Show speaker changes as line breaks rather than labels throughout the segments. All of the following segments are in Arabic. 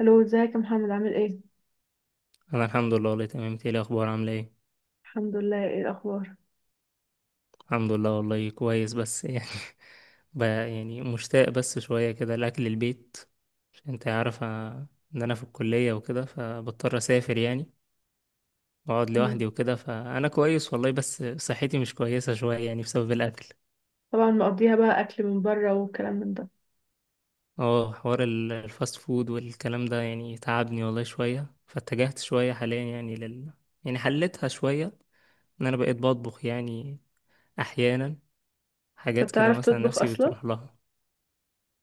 الو، ازيك يا محمد؟ عامل ايه؟
انا الحمد لله والله تمام. إنت ايه الاخبار؟ عامله ايه؟
الحمد لله. ايه الاخبار؟
الحمد لله والله كويس، بس يعني بقى يعني مشتاق بس شويه كده لاكل البيت. عشان انت عارفه ان انا في الكليه وكده، فبضطر اسافر يعني، واقعد
مم.
لوحدي وكده. فانا كويس والله، بس صحتي مش كويسه شويه يعني بسبب الاكل.
طبعا مقضيها بقى اكل من بره والكلام من ده.
اه حوار الفاست فود والكلام ده يعني تعبني والله شويه، فاتجهت شويه حاليا يعني لل، يعني حلتها شويه ان انا بقيت بطبخ يعني، احيانا
طب
حاجات كده
بتعرف
مثلا
تطبخ
نفسي
اصلا؟
بتروح لها.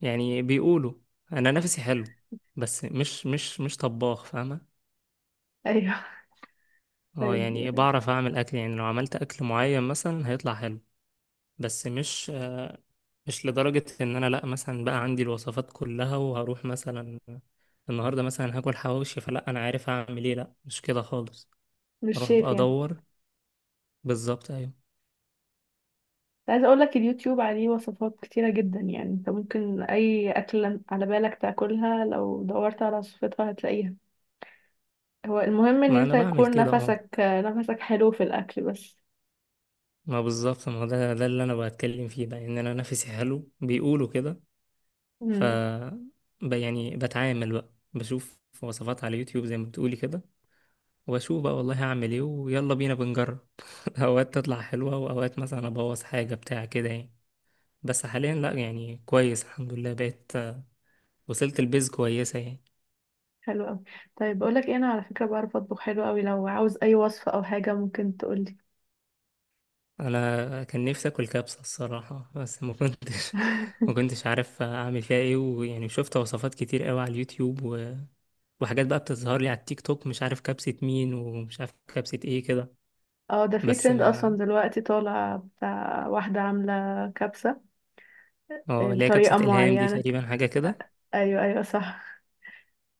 يعني بيقولوا انا نفسي حلو، بس مش طباخ فاهمه.
ايوه.
اه يعني
طيب.
بعرف اعمل اكل، يعني لو عملت اكل معين مثلا هيطلع حلو، بس مش مش لدرجه ان انا لا مثلا بقى عندي الوصفات كلها وهروح مثلا النهارده مثلا هاكل حواوشي، فلا انا عارف اعمل ايه، لا مش كده خالص.
مش
اروح بقى
شيف يعني؟
ادور. بالظبط ايوه.
عايزه اقول لك اليوتيوب عليه وصفات كتيره جدا، يعني انت ممكن اي اكل على بالك تاكلها لو دورت على وصفتها هتلاقيها. هو المهم ان
ما
انت
انا بعمل
يكون
كده اه.
نفسك نفسك حلو في الاكل بس.
ما بالظبط، ما هو ده اللي انا بتكلم فيه بقى، ان انا نفسي حلو بيقولوا كده. ف،
مم.
يعني بتعامل بقى، بشوف وصفات على يوتيوب زي ما بتقولي كده، واشوف بقى والله هعمل ايه ويلا بينا بنجرب. اوقات تطلع حلوة واوقات مثلا ابوظ حاجة بتاع كده يعني، بس حاليا لا يعني كويس الحمد لله، بقيت وصلت البيز كويسة يعني.
حلو قوي. طيب بقول لك ايه، انا على فكره بعرف اطبخ حلو قوي، لو عاوز اي وصفه او حاجه ممكن تقولي.
انا كان نفسي اكل كبسة الصراحة، بس ما كنتش ما كنتش عارف اعمل فيها ايه، ويعني شفت وصفات كتير قوي على اليوتيوب و... وحاجات بقى بتظهر لي على التيك توك، مش عارف كبسة مين ومش عارف كبسة ايه كده.
اه، ده في
بس
ترند اصلا
ما،
دلوقتي طالع بتاع واحدة عاملة كبسة.
اه اللي هي كبسة
بطريقة
إلهام دي
معينة
تقريبا حاجة كده.
آه، ايوه ايوه، صح.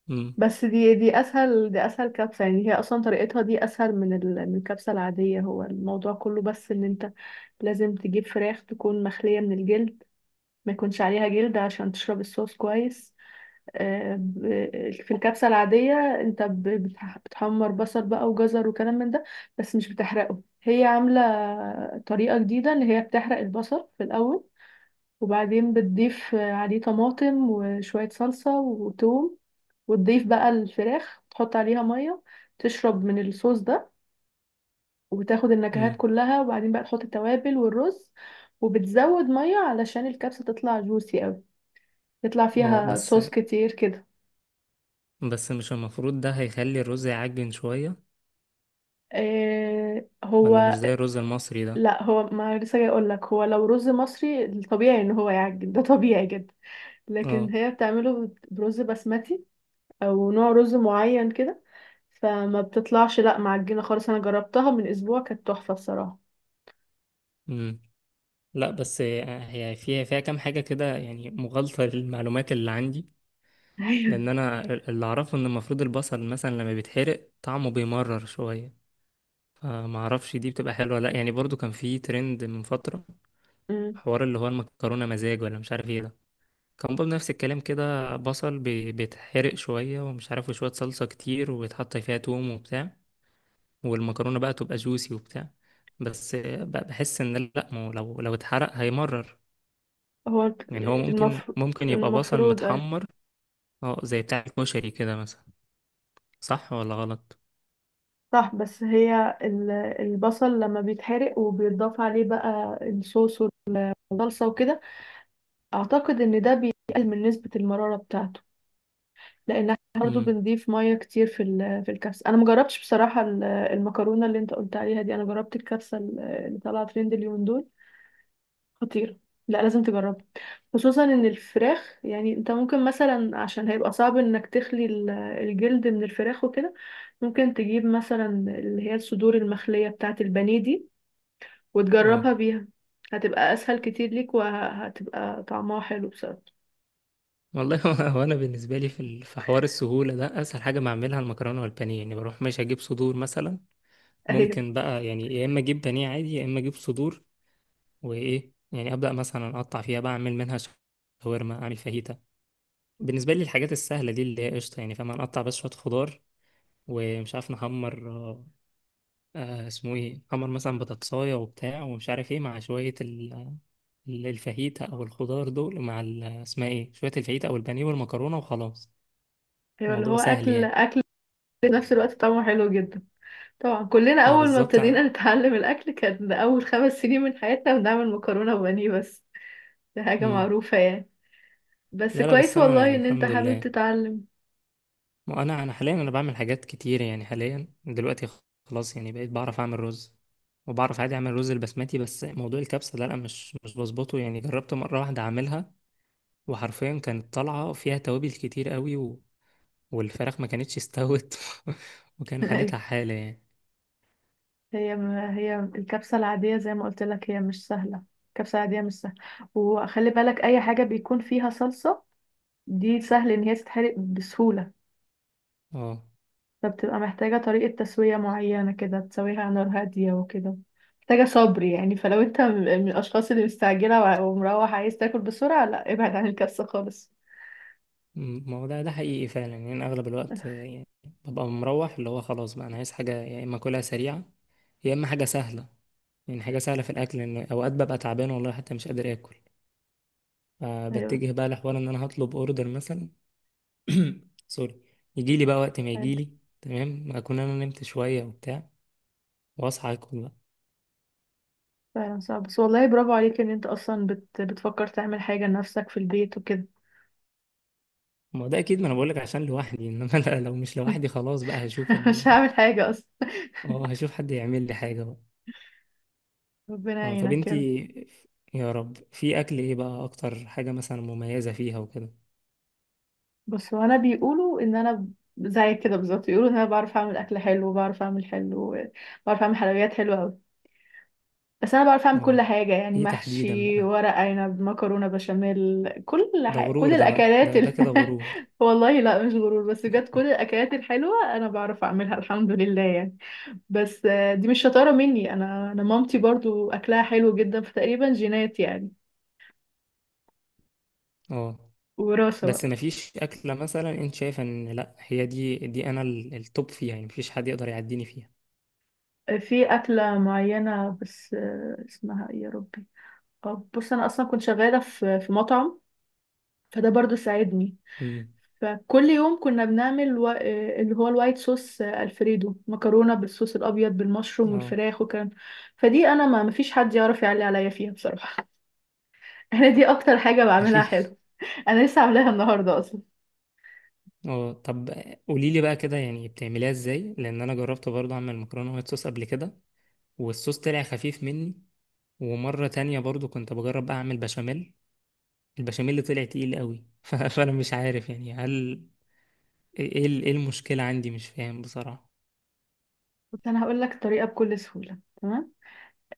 امم.
بس دي اسهل كبسة، يعني هي اصلا طريقتها دي اسهل من من الكبسة العادية. هو الموضوع كله بس ان انت لازم تجيب فراخ تكون مخلية من الجلد، ما يكونش عليها جلد عشان تشرب الصوص كويس. في الكبسة العادية انت بتحمر بصل بقى وجزر وكلام من ده، بس مش بتحرقه. هي عاملة طريقة جديدة اللي هي بتحرق البصل في الأول، وبعدين بتضيف عليه طماطم وشوية صلصة وتوم، وتضيف بقى الفراخ، تحط عليها مية تشرب من الصوص ده وتاخد النكهات
امم.
كلها، وبعدين بقى تحط التوابل والرز، وبتزود مية علشان الكبسة تطلع جوسي قوي، يطلع
اه
فيها
بس
صوص كتير كده.
بس مش المفروض ده هيخلي الرز يعجن شوية؟ ولا مش
هو
زي الرز المصري ده؟
لا، هو ما لسه جاي اقول لك، هو لو رز مصري الطبيعي ان هو يعجن ده طبيعي جدا، لكن
اه.
هي بتعمله برز بسمتي، او نوع رز معين كده، فما بتطلعش لا معجنه خالص. انا جربتها من اسبوع كانت تحفه الصراحه.
امم. لا بس هي فيها كام حاجة كده يعني مغالطة للمعلومات اللي عندي.
ايوه.
لأن أنا، اللي أعرفه إن المفروض البصل مثلا لما بيتحرق طعمه بيمرر شوية، فمعرفش دي بتبقى حلوة ولا لأ يعني. برضو كان في ترند من فترة،
أمم.
حوار اللي هو المكرونة مزاج ولا مش عارف ايه ده، كان برضه نفس الكلام كده، بصل بيتحرق شوية ومش عارف، وشوية صلصة كتير ويتحط فيها توم وبتاع، والمكرونة بقى تبقى جوسي وبتاع. بس بحس ان لا، ما هو لو اتحرق هيمرر،
هو
يعني هو ممكن
المفروض
ممكن يبقى بصل
المفروض ايوه.
متحمر. اه زي بتاع الكشري كده مثلا. صح ولا غلط؟
صح، بس هي البصل لما بيتحرق وبيتضاف عليه بقى الصوص والصلصه وكده، اعتقد ان ده بيقلل من نسبه المراره بتاعته، لان احنا برضو
امم.
بنضيف ميه كتير في في الكبسه. انا مجربتش بصراحه المكرونه اللي انت قلت عليها دي، انا جربت الكبسه اللي طالعه ترند اليومين دول. خطيره، لا لازم تجربها. خصوصا ان الفراخ، يعني انت ممكن مثلا عشان هيبقى صعب انك تخلي الجلد من الفراخ وكده، ممكن تجيب مثلا اللي هي الصدور المخليه بتاعه البانيه دي
اه.
وتجربها بيها. هتبقى اسهل كتير ليك وهتبقى طعمها حلو بصراحه.
والله هو انا بالنسبه لي في في حوار السهوله ده، اسهل حاجه بعملها المكرونه والبانيه، يعني بروح ماشي اجيب صدور مثلا،
ايوه
ممكن بقى يعني يا اما اجيب بانيه عادي يا اما اجيب صدور، وايه يعني ابدا مثلا اقطع فيها بقى اعمل منها شاورما، اعمل فاهيتا. بالنسبه لي الحاجات السهله دي اللي هي قشطه يعني، فاهم، نقطع بس شويه خضار، ومش عارف نحمر اسمه ايه، نحمر مثلا بطاطسايه وبتاع، ومش عارف ايه، مع شويه الفاهيتا او الخضار دول، مع اسمها ايه، شويه الفاهيتا او البانيه والمكرونه وخلاص.
ايوه، اللي
الموضوع
هو
سهل
اكل
يعني.
اكل في نفس الوقت طعمه حلو جدا. طبعا كلنا
ما
أول ما
بالظبط
ابتدينا نتعلم الأكل، كان أول خمس سنين من حياتنا بنعمل مكرونة وبانيه بس. دي حاجة
مم.
معروفة يعني. بس
لا لا بس
كويس
انا
والله
يعني
إن أنت
الحمد
حابب
لله،
تتعلم.
ما انا حاليا انا بعمل حاجات كتير يعني، حاليا دلوقتي خلاص يعني بقيت بعرف اعمل رز، وبعرف عادي اعمل رز البسمتي. بس موضوع الكبسه ده لا، مش بظبطه يعني. جربت مره واحده اعملها، وحرفيا كانت طالعه فيها توابل كتير قوي و... والفراخ ما كانتش استوت. وكان
أيوة.
حالتها حاله يعني.
هي هي الكبسة العادية زي ما قلت لك هي مش سهلة، الكبسة العادية مش سهلة. وخلي بالك أي حاجة بيكون فيها صلصة دي سهل إن هي تتحرق بسهولة،
اه
فبتبقى محتاجة طريقة تسوية معينة كده، تسويها على نار هادية وكده، محتاجة صبر يعني. فلو انت من الأشخاص اللي مستعجلة ومروح عايز تاكل بسرعة، لا ابعد عن الكبسة خالص.
ما هو ده حقيقي فعلا يعني. انا اغلب الوقت يعني ببقى مروح، اللي هو خلاص بقى انا عايز حاجه يا اما اكلها سريعه يا اما حاجه سهله، يعني حاجه سهله في الاكل، لان اوقات ببقى تعبان والله حتى مش قادر اكل،
أيوة.
فبتجه بقى لحوار ان انا هطلب اوردر مثلا. سوري. يجي لي بقى وقت ما يجي
عادي.
لي، تمام، اكون انا نمت شويه وبتاع واصحى اكل بقى.
فعلا صعب، بس والله برافو عليك ان انت اصلا بتفكر تعمل حاجة لنفسك في البيت وكده.
ما هو ده اكيد، ما انا بقول لك عشان لوحدي. انما لا، لو مش لوحدي خلاص بقى هشوف ال...
مش هعمل حاجة اصلا.
اه هشوف حد يعمل لي حاجه بقى.
ربنا
اه طب
يعينك يا
انتي،
رب.
يا رب، في اكل ايه بقى اكتر حاجه مثلا مميزه فيها وكده؟
بس وانا بيقولوا ان انا زي كده بالظبط، بيقولوا ان انا بعرف اعمل اكل حلو، بعرف اعمل حلويات حلوة أوي. بس انا بعرف اعمل كل
اه،
حاجه، يعني
ايه تحديدا
محشي،
بقى؟
ورق عنب، مكرونه بشاميل، كل
ده
حاجه،
غرور
كل
ده بقى،
الاكلات
ده كده غرور.
والله لا، مش غرور، بس بجد كل الاكلات الحلوه انا بعرف اعملها الحمد لله يعني. بس دي مش شطاره مني، انا مامتي برضو اكلها حلو جدا، فتقريبا جينات يعني،
اه،
وراثه
بس
بقى.
مفيش أكلة مثلا أنت شايفة إن لأ، هي دي أنا التوب فيها يعني، مفيش حد يقدر يعديني فيها؟
في اكله معينه، بس اسمها ايه يا ربي؟ بص، انا اصلا كنت شغاله في مطعم، فده برضو ساعدني.
امم.
فكل يوم كنا بنعمل و... آه، اللي هو الوايت صوص، الفريدو، مكرونه بالصوص الابيض بالمشروم
اه
والفراخ، وكان فدي انا ما مفيش حد يعرف يعلي عليا فيها بصراحه. انا دي اكتر حاجه بعملها
أكيد.
حلو، انا لسه عاملاها النهارده اصلا.
اه طب قولي لي بقى كده يعني بتعمليها إزاي، لأن أنا جربت برضه أعمل مكرونة وايت صوص قبل كده، والصوص طلع خفيف مني، ومرة تانية برضه كنت بجرب أعمل بشاميل، البشاميل اللي طلع تقيل قوي. فأنا مش عارف يعني، هل إيه إيه المشكلة عندي، مش فاهم بصراحة.
بس انا هقول لك الطريقه بكل سهوله، تمام.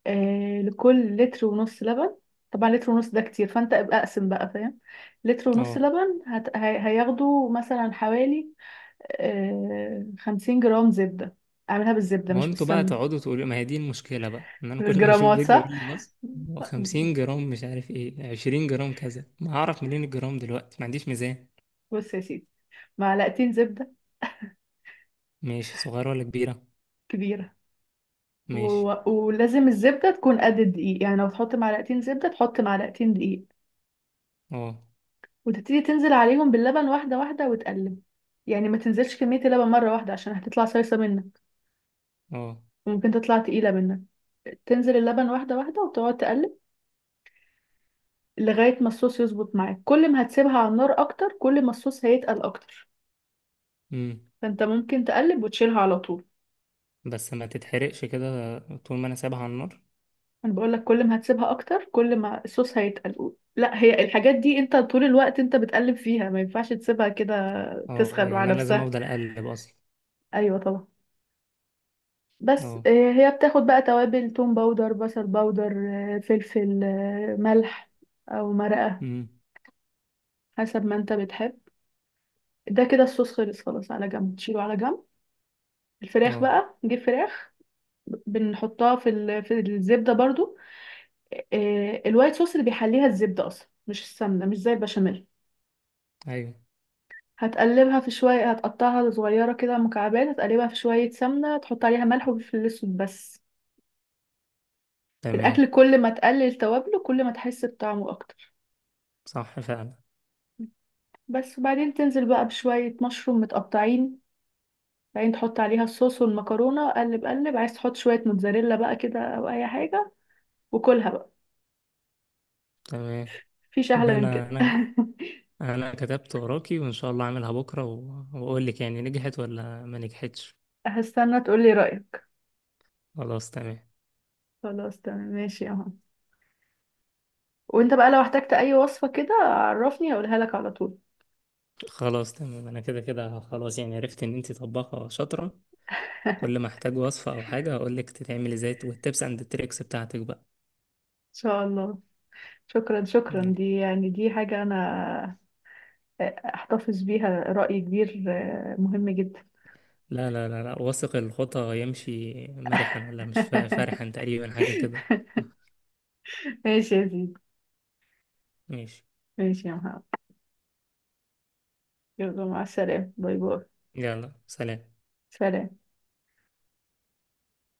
لكل لتر ونص لبن، طبعا لتر ونص ده كتير فانت ابقى اقسم بقى، فاهم. لتر ونص
اه
لبن هياخدوا مثلا حوالي 50 جرام زبده. اعملها بالزبده
ما هو
مش
انتوا بقى
بالسمنه.
تقعدوا تقولوا، ما هي دي المشكلة بقى، ان انا كل ما اشوف
بالجرامات،
فيديو
صح.
يقول لي بص، هو 50 جرام، مش عارف ايه، 20 جرام كذا، ما هعرف منين الجرام دلوقتي، ما عنديش ميزان.
بص يا سيدي، معلقتين زبدة
ماشي، صغيرة ولا كبيرة؟
كبيرة،
ماشي.
و... ولازم الزبدة تكون قد الدقيق، يعني لو تحط معلقتين زبدة تحط معلقتين دقيق،
اه.
وتبتدي تنزل عليهم باللبن واحدة واحدة وتقلب، يعني ما تنزلش كمية اللبن مرة واحدة عشان هتطلع صيصة منك،
اه.
وممكن تطلع تقيلة منك. تنزل اللبن واحدة واحدة وتقعد تقلب لغاية ما الصوص يظبط معاك، كل ما هتسيبها على النار أكتر كل ما الصوص هيتقل أكتر،
امم.
فأنت ممكن تقلب وتشيلها على طول.
بس ما تتحرقش كده طول ما انا سايبها على النار؟
انا بقول لك كل ما هتسيبها اكتر كل ما الصوص هيتقل، لا هي الحاجات دي انت طول الوقت انت بتقلب فيها، ما ينفعش تسيبها كده
اه
تسخن
يعني
مع
انا لازم
نفسها.
افضل اقلب اصلا؟
ايوه طبعا. بس
اه.
هي بتاخد بقى توابل: توم باودر، بصل باودر، فلفل، ملح، او مرقة،
امم.
حسب ما انت بتحب. ده كده الصوص خلص، خلاص على جنب، تشيله على جنب. الفراخ
اه.
بقى، نجيب فراخ، بنحطها في في الزبدة برضو. الوايت صوص اللي بيحليها الزبدة اصلا مش السمنة، مش زي البشاميل.
ايوه.
هتقلبها في شوية، هتقطعها صغيرة كده مكعبات، هتقلبها في شوية سمنة، تحط عليها ملح وفلفل أسود بس.
تمام.
الأكل كل ما تقلل توابله كل ما تحس بطعمه أكتر.
صح فعلا.
بس وبعدين تنزل بقى بشوية مشروم متقطعين، بعدين تحط عليها الصوص والمكرونة، قلب قلب، عايز تحط شوية موتزاريلا بقى كده أو أي حاجة وكلها بقى.
تمام.
مفيش أحلى من
انا
كده.
انا انا كتبت وراكي، وان شاء الله اعملها بكرة واقول لك يعني نجحت ولا ما نجحتش.
هستنى تقولي رأيك.
خلاص تمام.
خلاص تمام ماشي أهو. وانت بقى لو احتجت أي وصفة كده عرفني هقولها لك على طول.
خلاص تمام، انا كده كده خلاص يعني، عرفت ان انت طباخة شاطرة،
إن
كل ما احتاج وصفة او حاجة هقول لك تتعمل ازاي، والتبس اند التريكس بتاعتك بقى.
شاء الله. شكرا
مم.
شكرا، دي يعني دي حاجة أنا أحتفظ بيها، رأي كبير مهم جدا.
لا لا لا لا، واثق الخطى يمشي مرحا، ولا مش فرحا، تقريبا حاجة كده.
ماشي يا زيد.
ماشي.
ماشي يا محمد. يلا مع السلامة، باي باي.
يلا سلام.
سلام.